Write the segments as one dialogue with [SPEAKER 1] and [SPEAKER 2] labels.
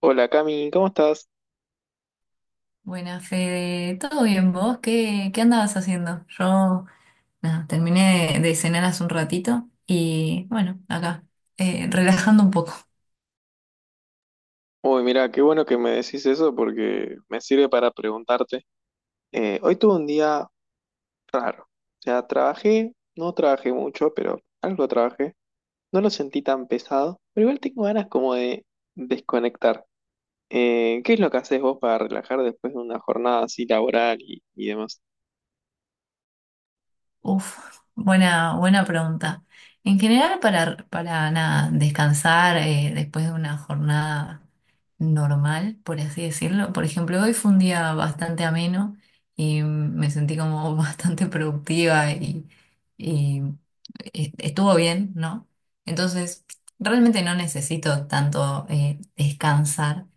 [SPEAKER 1] Hola Cami, ¿cómo estás?
[SPEAKER 2] Buena, Fede. ¿Todo bien vos? ¿¿Qué andabas haciendo? Yo, nada, terminé de cenar hace un ratito y bueno, acá, relajando un poco.
[SPEAKER 1] Uy, mira, qué bueno que me decís eso porque me sirve para preguntarte. Hoy tuve un día raro. O sea, trabajé, no trabajé mucho, pero algo trabajé. No lo sentí tan pesado, pero igual tengo ganas como de desconectar. ¿Qué es lo que haces vos para relajar después de una jornada así laboral y demás?
[SPEAKER 2] Uf, buena pregunta. En general, para nada, descansar después de una jornada normal, por así decirlo. Por ejemplo, hoy fue un día bastante ameno y me sentí como bastante productiva y estuvo bien, ¿no? Entonces, realmente no necesito tanto descansar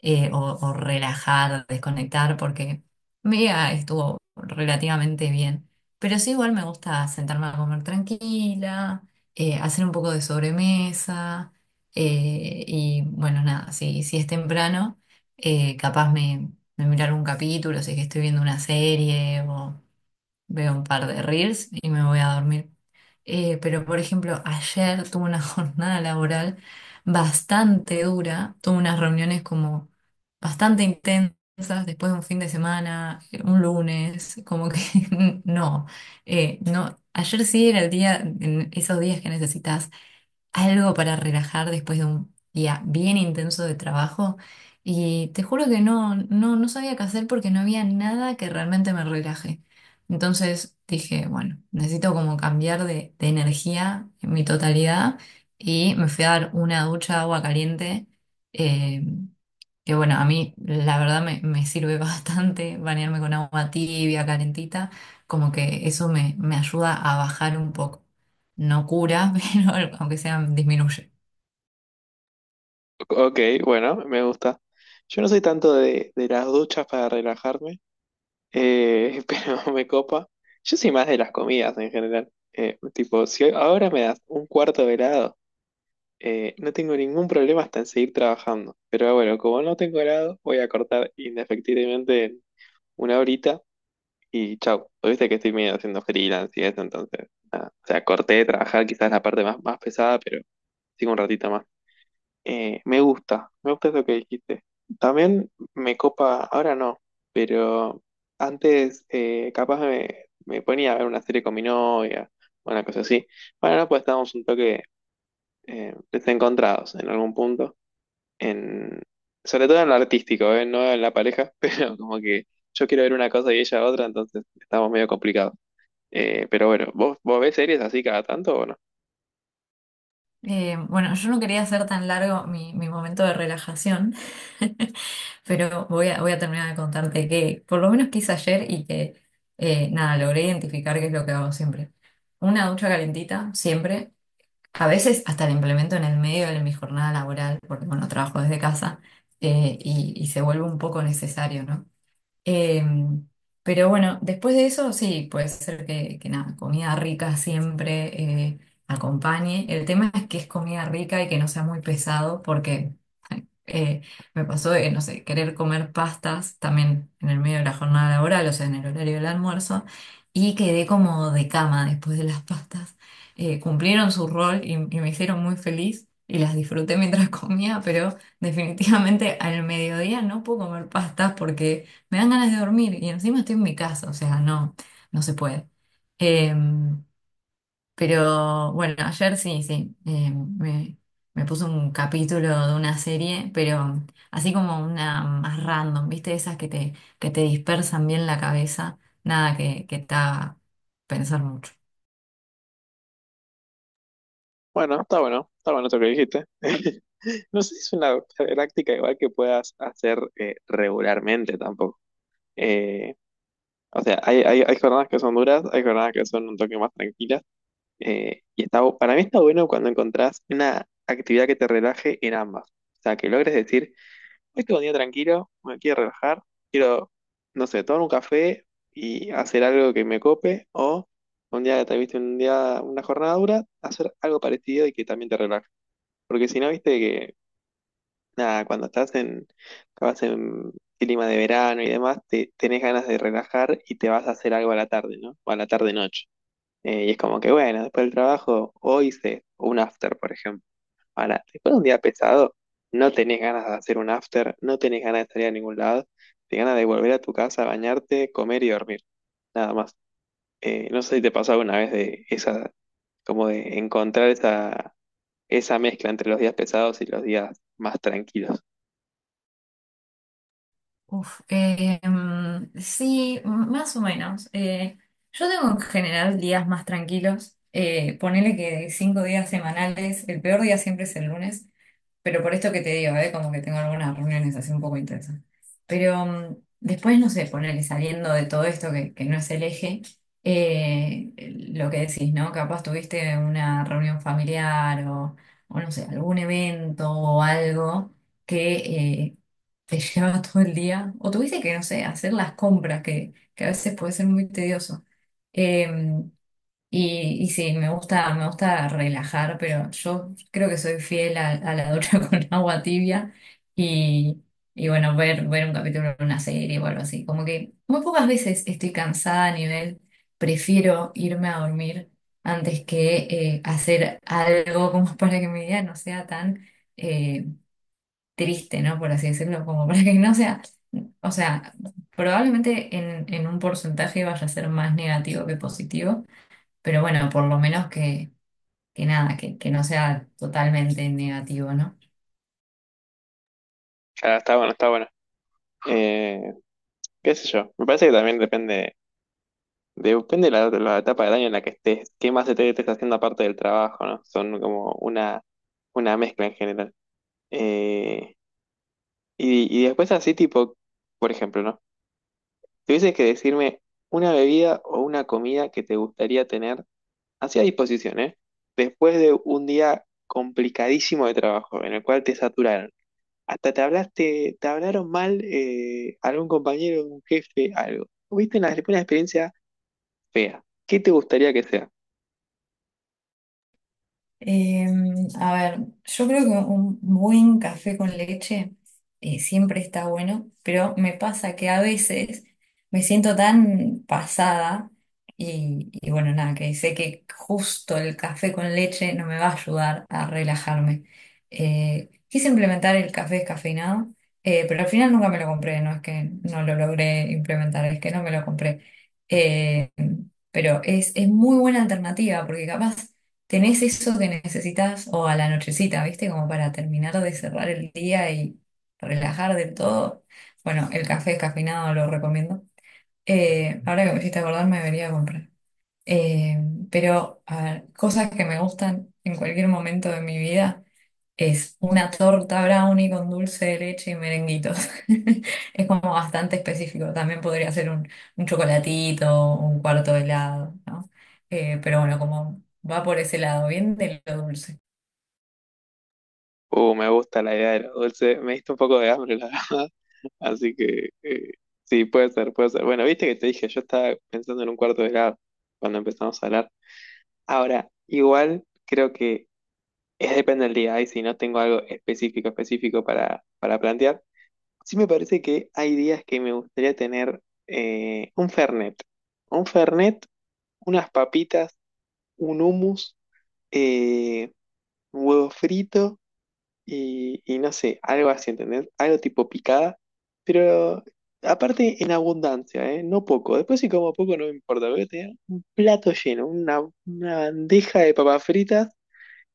[SPEAKER 2] o relajar, desconectar, porque mi día estuvo relativamente bien. Pero sí, igual me gusta sentarme a comer tranquila, hacer un poco de sobremesa, y bueno, nada, si es temprano, eh, capaz me, me mirar un capítulo, si es que estoy viendo una serie o veo un par de reels y me voy a dormir. Pero, por ejemplo, ayer tuve una jornada laboral bastante dura, tuve unas reuniones como bastante intensas después de un fin de semana, un lunes, como que no, no, ayer sí era el día, en esos días que necesitas algo para relajar después de un día bien intenso de trabajo y te juro que no, no sabía qué hacer porque no había nada que realmente me relaje. Entonces dije, bueno, necesito como cambiar de energía en mi totalidad y me fui a dar una ducha de agua caliente. eh, que bueno, a mí la verdad me sirve bastante bañarme con agua tibia, calentita, como que eso me ayuda a bajar un poco, no cura, pero aunque sea disminuye.
[SPEAKER 1] Ok, bueno, me gusta. Yo no soy tanto de las duchas para relajarme. Pero me copa. Yo soy más de las comidas en general. Tipo, si ahora me das un cuarto de helado, no tengo ningún problema hasta en seguir trabajando. Pero bueno, como no tengo helado, voy a cortar inefectivamente en una horita y chau. Pues viste que estoy medio haciendo freelance y eso, entonces. O sea, corté de trabajar quizás la parte más pesada, pero sigo un ratito más. Me gusta eso que dijiste. También me copa, ahora no, pero antes capaz me ponía a ver una serie con mi novia, una cosa así. Bueno, no, pues estábamos un toque desencontrados en algún punto, en, sobre todo en lo artístico, ¿eh? No en la pareja, pero como que yo quiero ver una cosa y ella otra, entonces estamos medio complicados. Pero bueno, vos ves series así cada tanto o no?
[SPEAKER 2] Bueno, yo no quería hacer tan largo mi momento de relajación, pero voy a terminar de contarte que por lo menos que hice ayer y que nada, logré identificar qué es lo que hago siempre. Una ducha calentita, siempre. A veces hasta la implemento en el medio de mi jornada laboral, porque bueno, trabajo desde casa y se vuelve un poco necesario, ¿no? Eh, pero bueno, después de eso sí, puede ser que nada, comida rica siempre eh, acompañe. El tema es que es comida rica y que no sea muy pesado, porque eh, me pasó de, no sé, querer comer pastas también en el medio de la jornada laboral, o sea, en el horario del almuerzo, y quedé como de cama después de las pastas. Cumplieron su rol y me hicieron muy feliz y las disfruté mientras comía, pero definitivamente al mediodía no puedo comer pastas porque me dan ganas de dormir y encima estoy en mi casa, o sea, no, no se puede. Em, pero bueno, ayer sí, sí, me, me puse un capítulo de una serie, pero así como una más random, ¿viste? Esas que te dispersan bien la cabeza, nada que te haga pensar mucho.
[SPEAKER 1] Bueno, está bueno, está bueno eso que dijiste. No sé si es una práctica igual que puedas hacer regularmente tampoco. Eh, o sea, hay jornadas que son duras, hay jornadas que son un toque más tranquilas. Y está, para mí está bueno cuando encontrás una actividad que te relaje en ambas. O sea, que logres decir, hoy tengo un día tranquilo, me quiero relajar, quiero, no sé, tomar un café y hacer algo que me cope. O un día que te viste un día, una jornada dura, hacer algo parecido y que también te relaje. Porque si no, viste que, nada, cuando estás en, capaz en clima de verano y demás, tenés ganas de relajar y te vas a hacer algo a la tarde, ¿no? O a la tarde-noche. Y es como que, bueno, después del trabajo, hoy hice un after, por ejemplo. Ahora, después de un día pesado, no tenés ganas de hacer un after, no tenés ganas de salir a ningún lado, tenés ganas de volver a tu casa, bañarte, comer y dormir, nada más. No sé si te pasó alguna vez de esa, como de encontrar esa, esa mezcla entre los días pesados y los días más tranquilos.
[SPEAKER 2] Uf, sí, más o menos. Yo tengo en general días más tranquilos. Ponele que de cinco días semanales, el peor día siempre es el lunes. Pero por esto que te digo, ¿eh? Como que tengo algunas reuniones así un poco intensas. Pero después, no sé, ponerle saliendo de todo esto que no es el eje, eh, lo que decís, ¿no? Capaz tuviste una reunión familiar o no sé, algún evento o algo que te llevaba todo el día. O tuviste que, no sé, hacer las compras, que a veces puede ser muy tedioso. Em, y sí, me gusta relajar, pero yo creo que soy fiel a la ducha con agua tibia y, y bueno, ver, ver un capítulo de una serie o algo así. Como que muy pocas veces estoy cansada a nivel, prefiero irme a dormir antes que hacer algo como para que mi día no sea tan eh, triste, ¿no? Por así decirlo, como para que no sea, o sea, probablemente en un porcentaje vaya a ser más negativo que positivo, pero bueno, por lo menos que que no sea totalmente negativo, ¿no?
[SPEAKER 1] Ah, está bueno, está bueno. Eh, Qué sé yo, me parece que también depende de la etapa del año en la que estés, qué más te estés haciendo aparte del trabajo, ¿no? Son como una mezcla en general. Eh, y después así tipo, por ejemplo, ¿no? Si tuvieses que decirme una bebida o una comida que te gustaría tener así a disposición, ¿eh? Después de un día complicadísimo de trabajo, en el cual te saturaron. Hasta te hablaste, te hablaron mal algún compañero, un jefe, algo. Tuviste una experiencia fea. ¿Qué te gustaría que sea?
[SPEAKER 2] Eh, a ver, yo creo que un buen café con leche siempre está bueno, pero me pasa que a veces me siento tan pasada y bueno, nada, que sé que justo el café con leche no me va a ayudar a relajarme. Quise implementar el café descafeinado, pero al final nunca me lo compré, no es que no lo logré implementar, es que no me lo compré. Eh, pero es muy buena alternativa porque capaz tenés eso que necesitas o a la nochecita, ¿viste? Como para terminar de cerrar el día y relajar de todo. Bueno, el café descafeinado lo recomiendo. Ahora que me hiciste acordar, me debería comprar. Eh, pero, a ver, cosas que me gustan en cualquier momento de mi vida. Es una torta brownie con dulce de leche y merenguitos. Es como bastante específico. También podría ser un chocolatito, un cuarto de helado, ¿no? Pero bueno, como va por ese lado, bien de lo dulce.
[SPEAKER 1] Me gusta la idea de los dulces. Me diste un poco de hambre, la verdad. Así que sí, puede ser, puede ser. Bueno, viste que te dije, yo estaba pensando en un cuarto de grado cuando empezamos a hablar. Ahora, igual creo que es depende del día. Ahí si no tengo algo específico, específico para plantear, sí me parece que hay días que me gustaría tener un Fernet. Un Fernet, unas papitas, un hummus, eh, un huevo frito y no sé, algo así, ¿entendés? Algo tipo picada, pero aparte en abundancia, ¿eh? No poco. Después si como poco no me importa, pero tener un plato lleno, una bandeja de papas fritas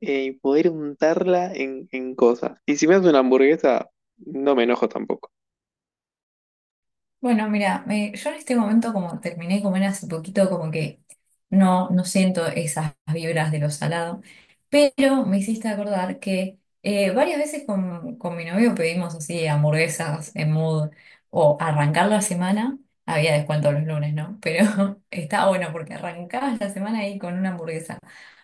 [SPEAKER 1] y poder untarla en cosas. Y si me hace una hamburguesa, no me enojo tampoco.
[SPEAKER 2] Bueno, mira, yo en este momento como terminé de comer hace poquito, como que no, no siento esas vibras de lo salado, pero me hiciste acordar que varias veces con mi novio pedimos así hamburguesas en mood o arrancar la semana, había descuento los lunes, ¿no? Pero está bueno porque arrancabas la semana ahí con una hamburguesa.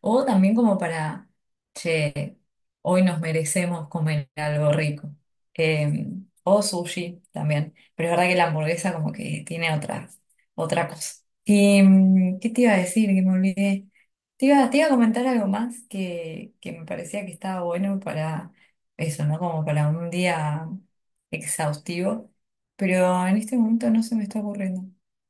[SPEAKER 2] O también como para, che, hoy nos merecemos comer algo rico. Em, o sushi también. Pero es verdad que la hamburguesa como que tiene otra, otra cosa. Y, mm, ¿qué te iba a decir? Que me olvidé. Te iba a comentar algo más que me parecía que estaba bueno para eso, ¿no? Como para un día exhaustivo. Pero en este momento no se me está ocurriendo.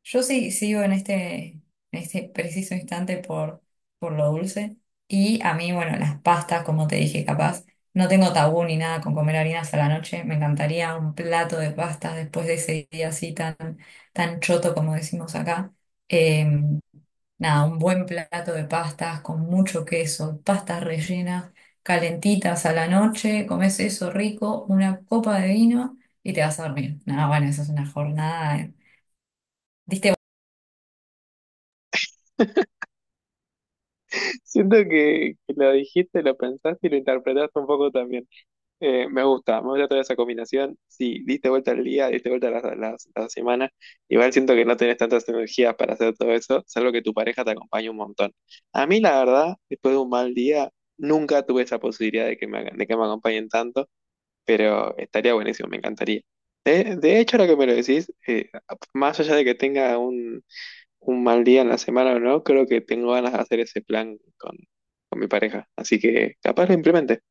[SPEAKER 2] Yo sí sigo en en este preciso instante por lo dulce. Y a mí, bueno, las pastas, como te dije, capaz. No tengo tabú ni nada con comer harinas a la noche. Me encantaría un plato de pastas después de ese día así tan, tan choto como decimos acá. Eh, Nada, un buen plato de pastas con mucho queso, pastas rellenas, calentitas a la noche, comes eso rico, una copa de vino y te vas a dormir. Nada, bueno, esa es una jornada. Eh. Diste.
[SPEAKER 1] Siento que lo dijiste, lo pensaste y lo interpretaste un poco también. Me gusta toda esa combinación. Sí, diste vuelta al día, diste vuelta a la, la semana. Igual siento que no tenés tantas energías para hacer todo eso, salvo que tu pareja te acompañe un montón. A mí, la verdad, después de un mal día, nunca tuve esa posibilidad de que de que me acompañen tanto, pero estaría buenísimo, me encantaría. De hecho, ahora que me lo decís, más allá de que tenga un mal día en la semana o no, creo que tengo ganas de hacer ese plan con mi pareja. Así que capaz lo implemente.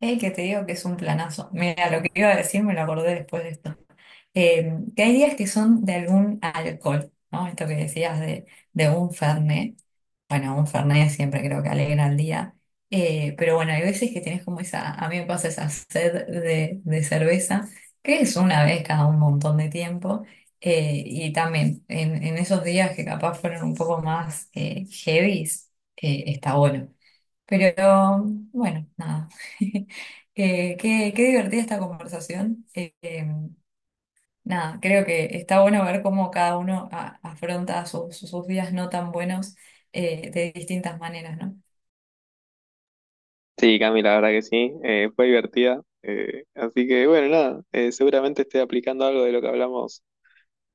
[SPEAKER 2] Ey, que te digo que es un planazo. Mira, lo que iba a decir me lo acordé después de esto. Que hay días que son de algún alcohol, ¿no? Esto que decías de un fernet. Bueno, un fernet siempre creo que alegra el día. Pero bueno, hay veces que tenés como esa, a mí me pasa esa sed de cerveza, que es una vez cada un montón de tiempo. Y también en esos días que capaz fueron un poco más heavies, está bueno. Pero bueno, nada. Qué, qué divertida esta conversación. Nada, creo que está bueno ver cómo cada uno afronta sus, sus días no tan buenos, de distintas maneras, ¿no?
[SPEAKER 1] Sí, Cami, la verdad que sí. Fue divertida. Así que bueno, nada. Seguramente esté aplicando algo de lo que hablamos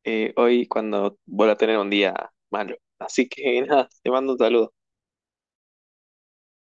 [SPEAKER 1] hoy cuando vuelva a tener un día malo. Así que nada, te mando un saludo.